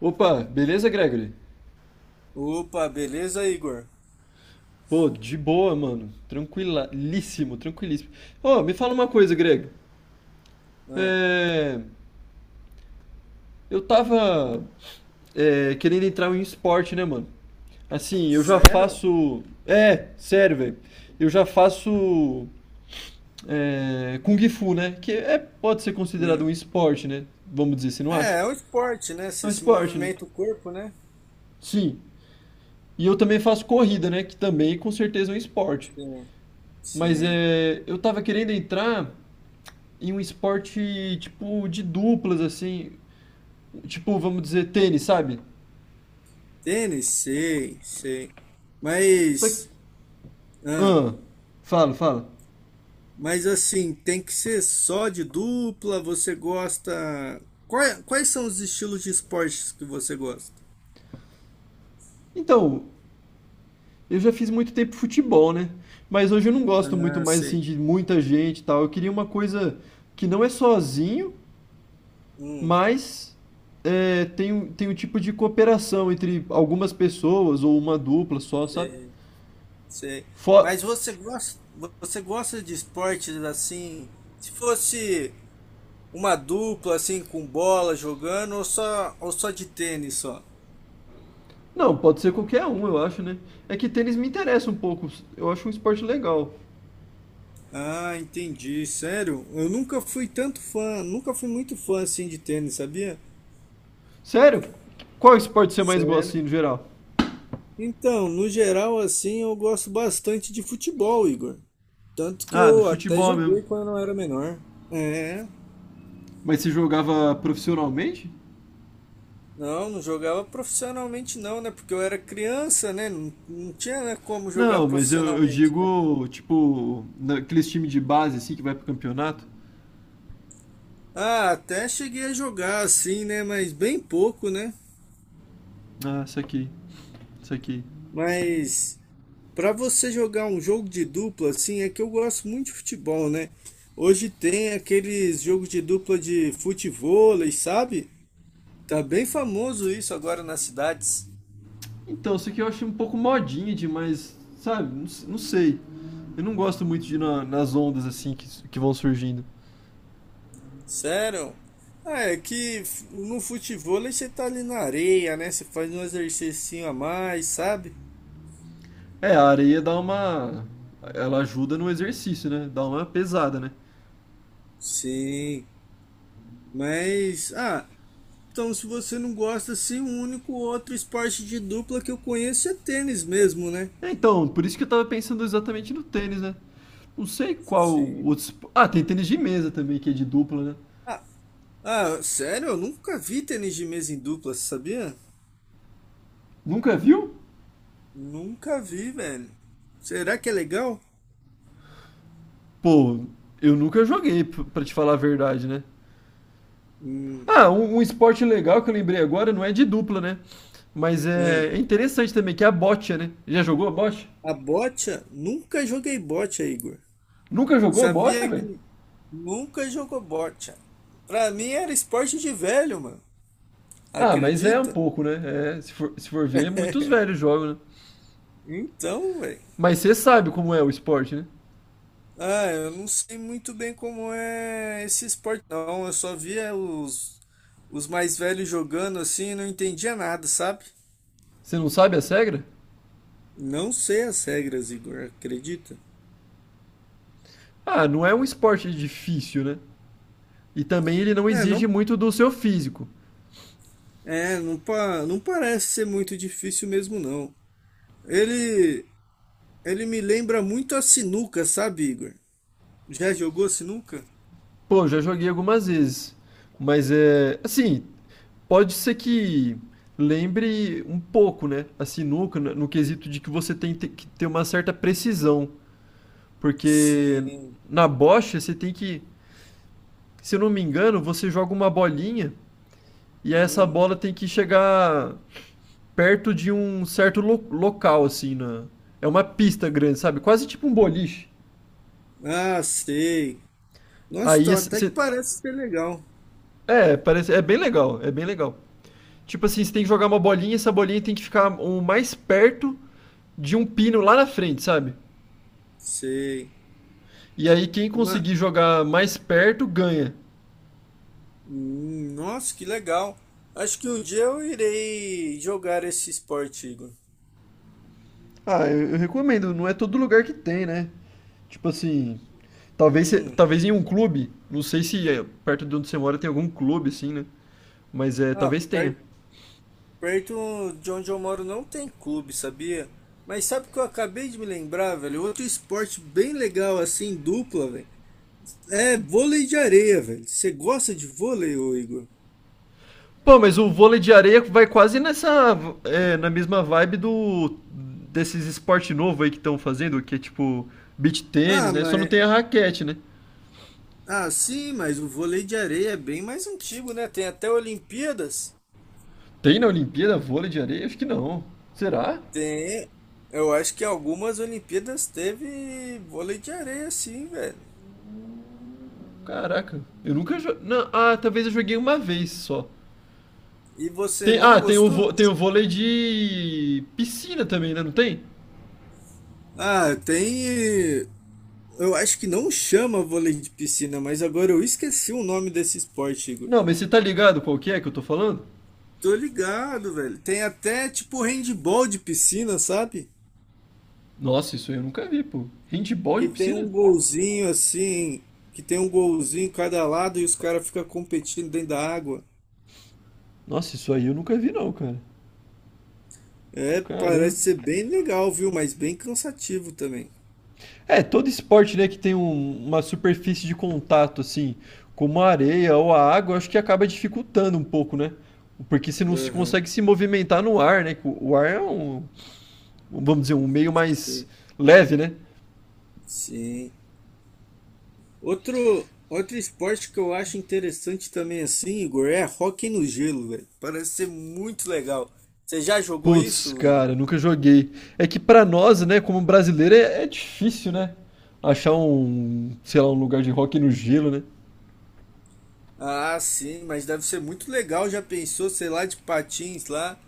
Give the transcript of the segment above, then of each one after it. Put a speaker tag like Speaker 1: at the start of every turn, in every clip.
Speaker 1: Opa, beleza, Gregory?
Speaker 2: Opa, beleza, Igor?
Speaker 1: Pô, de boa, mano. Tranquilíssimo, tranquilíssimo. Ô, me fala uma coisa, Greg.
Speaker 2: Ah,
Speaker 1: É... Eu tava querendo entrar em esporte, né, mano? Assim, eu já
Speaker 2: sério?
Speaker 1: faço. É, sério, velho. Eu já faço. É... Kung Fu, né? Que é, pode ser considerado
Speaker 2: Ah.
Speaker 1: um esporte, né? Vamos dizer, você não acha?
Speaker 2: É, é um esporte, né?
Speaker 1: É um
Speaker 2: Você se
Speaker 1: esporte, né?
Speaker 2: movimenta o corpo, né?
Speaker 1: Sim. E eu também faço corrida, né? Que também com certeza é um esporte.
Speaker 2: Sim,
Speaker 1: Mas
Speaker 2: sim.
Speaker 1: eu tava querendo entrar em um esporte tipo de duplas, assim. Tipo, vamos dizer, tênis, sabe?
Speaker 2: Tênis, sei, sei.
Speaker 1: Só que.
Speaker 2: Mas, ah,
Speaker 1: Ah, fala.
Speaker 2: mas assim, tem que ser só de dupla? Você gosta. Quais são os estilos de esportes que você gosta?
Speaker 1: Então, eu já fiz muito tempo futebol, né? Mas hoje eu não gosto muito
Speaker 2: Ah,
Speaker 1: mais
Speaker 2: sei.
Speaker 1: assim de muita gente e tal. Eu queria uma coisa que não é sozinho,
Speaker 2: Hum,
Speaker 1: mas tem, tem um tipo de cooperação entre algumas pessoas ou uma dupla só, sabe?
Speaker 2: sei, sei.
Speaker 1: Fo-
Speaker 2: Mas você gosta de esportes assim? Se fosse. Uma dupla assim com bola jogando ou só de tênis só?
Speaker 1: Não, pode ser qualquer um, eu acho, né? É que tênis me interessa um pouco. Eu acho um esporte legal.
Speaker 2: Ah, entendi. Sério? Eu nunca fui tanto fã, nunca fui muito fã assim de tênis, sabia?
Speaker 1: Sério? Qual esporte você mais gosta, assim,
Speaker 2: Sério?
Speaker 1: no geral?
Speaker 2: Então, no geral assim, eu gosto bastante de futebol, Igor. Tanto que
Speaker 1: Ah, do
Speaker 2: eu até
Speaker 1: futebol mesmo.
Speaker 2: joguei quando eu era menor. É.
Speaker 1: Mas você jogava profissionalmente?
Speaker 2: Não, jogava profissionalmente não, né? Porque eu era criança, né? Não, tinha, né, como jogar
Speaker 1: Não, mas eu
Speaker 2: profissionalmente, né?
Speaker 1: digo, tipo, naqueles times de base, assim, que vai pro campeonato.
Speaker 2: Ah, até cheguei a jogar assim, né? Mas bem pouco, né?
Speaker 1: Ah, isso aqui.
Speaker 2: Mas para você jogar um jogo de dupla, assim, é que eu gosto muito de futebol, né? Hoje tem aqueles jogos de dupla de futevôlei, sabe? Tá bem famoso isso agora nas cidades.
Speaker 1: Então, isso aqui eu acho um pouco modinha demais, sabe? Não, não sei. Eu não gosto muito de ir nas ondas, assim, que, que vão surgindo.
Speaker 2: Sério? Ah, é que no futevôlei você tá ali na areia, né? Você faz um exercício a mais, sabe?
Speaker 1: É, a areia dá uma... Ela ajuda no exercício, né? Dá uma pesada, né?
Speaker 2: Sim, mas ah, então se você não gosta assim, o único outro esporte de dupla que eu conheço é tênis mesmo, né?
Speaker 1: É, então, por isso que eu tava pensando exatamente no tênis, né? Não sei qual
Speaker 2: Sim.
Speaker 1: outro. Ah, tem tênis de mesa também, que é de dupla, né?
Speaker 2: Ah, sério? Eu nunca vi tênis de mesa em dupla, sabia?
Speaker 1: Nunca viu?
Speaker 2: Nunca vi, velho. Será que é legal?
Speaker 1: Pô, eu nunca joguei, pra te falar a verdade, né?
Speaker 2: Hum.
Speaker 1: Ah, um esporte legal que eu lembrei agora não é de dupla, né? Mas
Speaker 2: Ah,
Speaker 1: é interessante também, que é a bocha, né? Já jogou a bocha?
Speaker 2: a bocha? Nunca joguei bocha, Igor.
Speaker 1: Nunca jogou a bocha,
Speaker 2: Sabia
Speaker 1: velho?
Speaker 2: que nunca jogou bocha. Pra mim era esporte de velho, mano.
Speaker 1: Ah, mas é um
Speaker 2: Acredita?
Speaker 1: pouco, né? É, se for ver, muitos velhos jogam, né?
Speaker 2: Então, velho.
Speaker 1: Mas você sabe como é o esporte, né?
Speaker 2: Ah, eu não sei muito bem como é esse esporte, não. Eu só via os mais velhos jogando assim e não entendia nada, sabe?
Speaker 1: Você não sabe as regras?
Speaker 2: Não sei as regras, Igor, acredita?
Speaker 1: Ah, não é um esporte difícil, né? E também ele não
Speaker 2: É,
Speaker 1: exige
Speaker 2: não,
Speaker 1: muito do seu físico.
Speaker 2: não parece ser muito difícil mesmo, não. Ele, ele me lembra muito a sinuca, sabe, Igor? Já jogou sinuca?
Speaker 1: Pô, já joguei algumas vezes. Mas é. Assim, pode ser que lembre um pouco, né? A sinuca, no quesito de que você tem que ter uma certa precisão. Porque
Speaker 2: Sim.
Speaker 1: na bocha você tem que. Se eu não me engano, você joga uma bolinha e essa
Speaker 2: Hum.
Speaker 1: bola tem que chegar perto de um certo local, assim, na. É uma pista grande, sabe? Quase tipo um boliche.
Speaker 2: Ah, sei. Nossa,
Speaker 1: Aí
Speaker 2: então até que
Speaker 1: esse-
Speaker 2: parece ser legal.
Speaker 1: É, parece, é bem legal, é bem legal. Tipo assim, você tem que jogar uma bolinha e essa bolinha tem que ficar o mais perto de um pino lá na frente, sabe?
Speaker 2: Sei.
Speaker 1: E aí quem
Speaker 2: Ma-
Speaker 1: conseguir jogar mais perto ganha.
Speaker 2: Nossa, que legal. Acho que um dia eu irei jogar esse esporte, Igor.
Speaker 1: Ah, eu recomendo, não é todo lugar que tem, né? Tipo assim, talvez,
Speaker 2: Hum.
Speaker 1: talvez em um clube, não sei se é, perto de onde você mora tem algum clube assim, né? Mas
Speaker 2: Ah,
Speaker 1: talvez tenha.
Speaker 2: perto de onde eu moro não tem clube, sabia? Mas sabe o que eu acabei de me lembrar, velho? Outro esporte bem legal assim, dupla, velho. É vôlei de areia, velho. Você gosta de vôlei, ô Igor?
Speaker 1: Pô, mas o vôlei de areia vai quase nessa. Na mesma vibe do. Desses esporte novo aí que estão fazendo, que é tipo beach tênis,
Speaker 2: Ah,
Speaker 1: né? Só não
Speaker 2: mas.
Speaker 1: tem a raquete, né?
Speaker 2: Ah, sim, mas o vôlei de areia é bem mais antigo, né? Tem até Olimpíadas.
Speaker 1: Tem na Olimpíada vôlei de areia? Acho que não. Será?
Speaker 2: Tem. Eu acho que algumas Olimpíadas teve vôlei de areia, sim, velho.
Speaker 1: Caraca, eu nunca jo... não, ah, talvez eu joguei uma vez só.
Speaker 2: E você
Speaker 1: Tem,
Speaker 2: não
Speaker 1: ah, tem
Speaker 2: gostou?
Speaker 1: tem o vôlei de piscina também, né? Não tem?
Speaker 2: Ah, tem. Eu acho que não chama vôlei de piscina, mas agora eu esqueci o nome desse esporte, Igor.
Speaker 1: Não, mas você tá ligado qual que é que eu tô falando?
Speaker 2: Tô ligado, velho. Tem até tipo handball de piscina, sabe?
Speaker 1: Nossa, isso aí eu nunca vi, pô. Handball de
Speaker 2: Que tem
Speaker 1: piscina?
Speaker 2: um golzinho assim, que tem um golzinho em cada lado e os caras ficam competindo dentro da água.
Speaker 1: Nossa, isso aí eu nunca vi não, cara.
Speaker 2: É,
Speaker 1: Caramba.
Speaker 2: parece ser bem legal, viu? Mas bem cansativo também.
Speaker 1: É, todo esporte, né, que tem uma superfície de contato, assim, como a areia ou a água, acho que acaba dificultando um pouco, né? Porque você não se
Speaker 2: Aham,
Speaker 1: consegue se movimentar no ar, né? que O ar é um, vamos dizer, um meio mais
Speaker 2: sim.
Speaker 1: leve, né?
Speaker 2: Sim. Outro esporte que eu acho interessante também assim, Igor, é hóquei no gelo, velho. Parece ser muito legal. Você já jogou
Speaker 1: Putz,
Speaker 2: isso, Igor?
Speaker 1: cara, nunca joguei. É que pra nós, né, como brasileiro, é difícil, né? Achar um, sei lá, um lugar de rock no gelo, né?
Speaker 2: Ah, sim, mas deve ser muito legal. Já pensou, sei lá, de patins lá,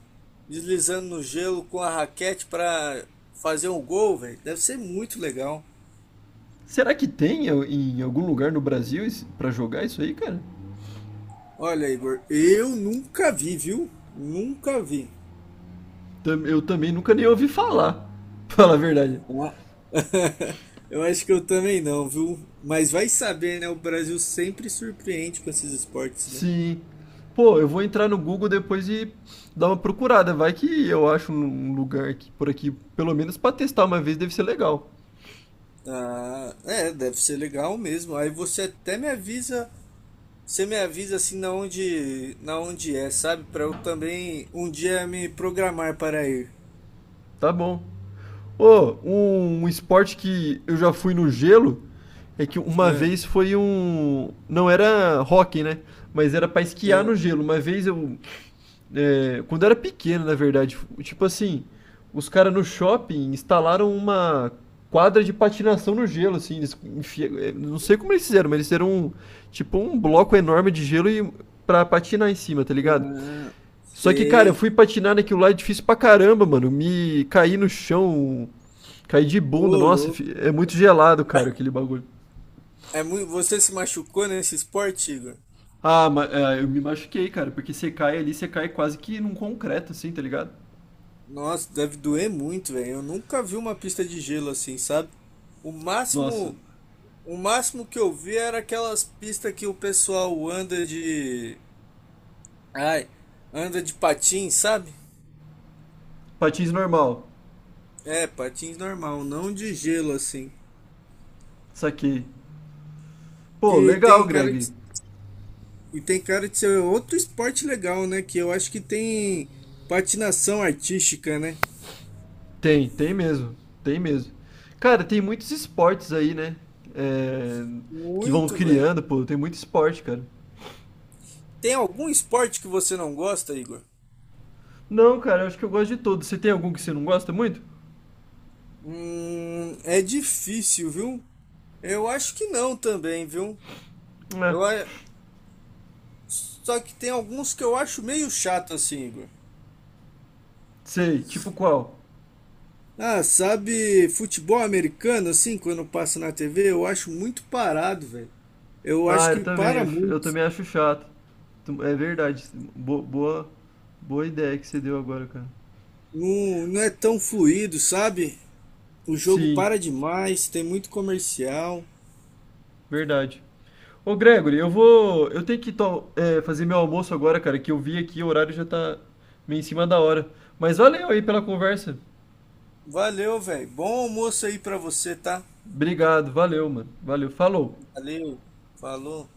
Speaker 2: deslizando no gelo com a raquete pra fazer um gol, velho? Deve ser muito legal.
Speaker 1: Será que tem em algum lugar no Brasil esse- pra jogar isso aí, cara?
Speaker 2: Olha, Igor, eu nunca vi, viu? Nunca vi.
Speaker 1: Eu também nunca nem ouvi falar, fala a verdade.
Speaker 2: Ua- Eu acho que eu também não, viu? Mas vai saber, né? O Brasil sempre surpreende com esses esportes, né?
Speaker 1: Sim. Pô, eu vou entrar no Google depois e dar uma procurada. Vai que eu acho um lugar aqui por aqui, pelo menos pra testar uma vez, deve ser legal.
Speaker 2: Ah, é, deve ser legal mesmo. Aí você até me avisa, você me avisa assim na onde é, sabe? Para eu também um dia me programar para ir.
Speaker 1: Tá bom. Ô, um esporte que eu já fui no gelo é que uma
Speaker 2: Ah,
Speaker 1: vez foi um. Não era hockey, né? Mas era pra esquiar
Speaker 2: ah,
Speaker 1: no gelo. Uma vez eu. Quando eu era pequeno, na verdade. Tipo assim, os caras no shopping instalaram uma quadra de patinação no gelo, assim. É, não sei como eles fizeram, mas eles fizeram um, tipo um bloco enorme de gelo e, pra patinar em cima, tá ligado?
Speaker 2: ah,
Speaker 1: Só que, cara, eu
Speaker 2: sei.
Speaker 1: fui patinar naquilo lá, é difícil pra caramba, mano. Me caí no chão, caí de bunda.
Speaker 2: Ô,
Speaker 1: Nossa,
Speaker 2: louco.
Speaker 1: é muito gelado, cara, aquele bagulho.
Speaker 2: É muito, você se machucou nesse esporte, Igor?
Speaker 1: Ah, mas eu me machuquei, cara, porque você cai ali, você cai quase que num concreto, assim, tá ligado?
Speaker 2: Nossa, deve doer muito, velho. Eu nunca vi uma pista de gelo assim, sabe? O
Speaker 1: Nossa,
Speaker 2: máximo, o máximo que eu vi era aquelas pistas que o pessoal anda de, ai, anda de patins, sabe?
Speaker 1: patins normal,
Speaker 2: É, patins normal, não de gelo assim.
Speaker 1: saquei. Pô,
Speaker 2: Que
Speaker 1: legal,
Speaker 2: tem cara de,
Speaker 1: Greg.
Speaker 2: e tem cara de ser outro esporte legal, né? Que eu acho que tem patinação artística, né?
Speaker 1: Tem, tem mesmo. Cara, tem muitos esportes aí, né? É, que vão
Speaker 2: Muito, velho.
Speaker 1: criando, pô, tem muito esporte, cara.
Speaker 2: Tem algum esporte que você não gosta, Igor?
Speaker 1: Não, cara, eu acho que eu gosto de todos. Você tem algum que você não gosta muito?
Speaker 2: É difícil, viu? Eu acho que não também, viu?
Speaker 1: É.
Speaker 2: Eu, a- só que tem alguns que eu acho meio chato assim, Igor.
Speaker 1: Sei, tipo qual?
Speaker 2: Ah, sabe, futebol americano, assim, quando passa na TV, eu acho muito parado, velho. Eu acho
Speaker 1: Ah,
Speaker 2: que para
Speaker 1: eu
Speaker 2: muito.
Speaker 1: também acho chato. É verdade. Bo- boa, boa ideia que você deu agora, cara.
Speaker 2: Não, não é tão fluido, sabe? O jogo
Speaker 1: Sim,
Speaker 2: para demais, tem muito comercial.
Speaker 1: verdade. Ô Gregory, eu vou. Eu tenho que fazer meu almoço agora, cara, que eu vi aqui, o horário já tá meio em cima da hora. Mas valeu aí pela conversa.
Speaker 2: Valeu, velho. Bom almoço aí pra você, tá?
Speaker 1: Obrigado, valeu, mano. Valeu, falou.
Speaker 2: Valeu. Falou.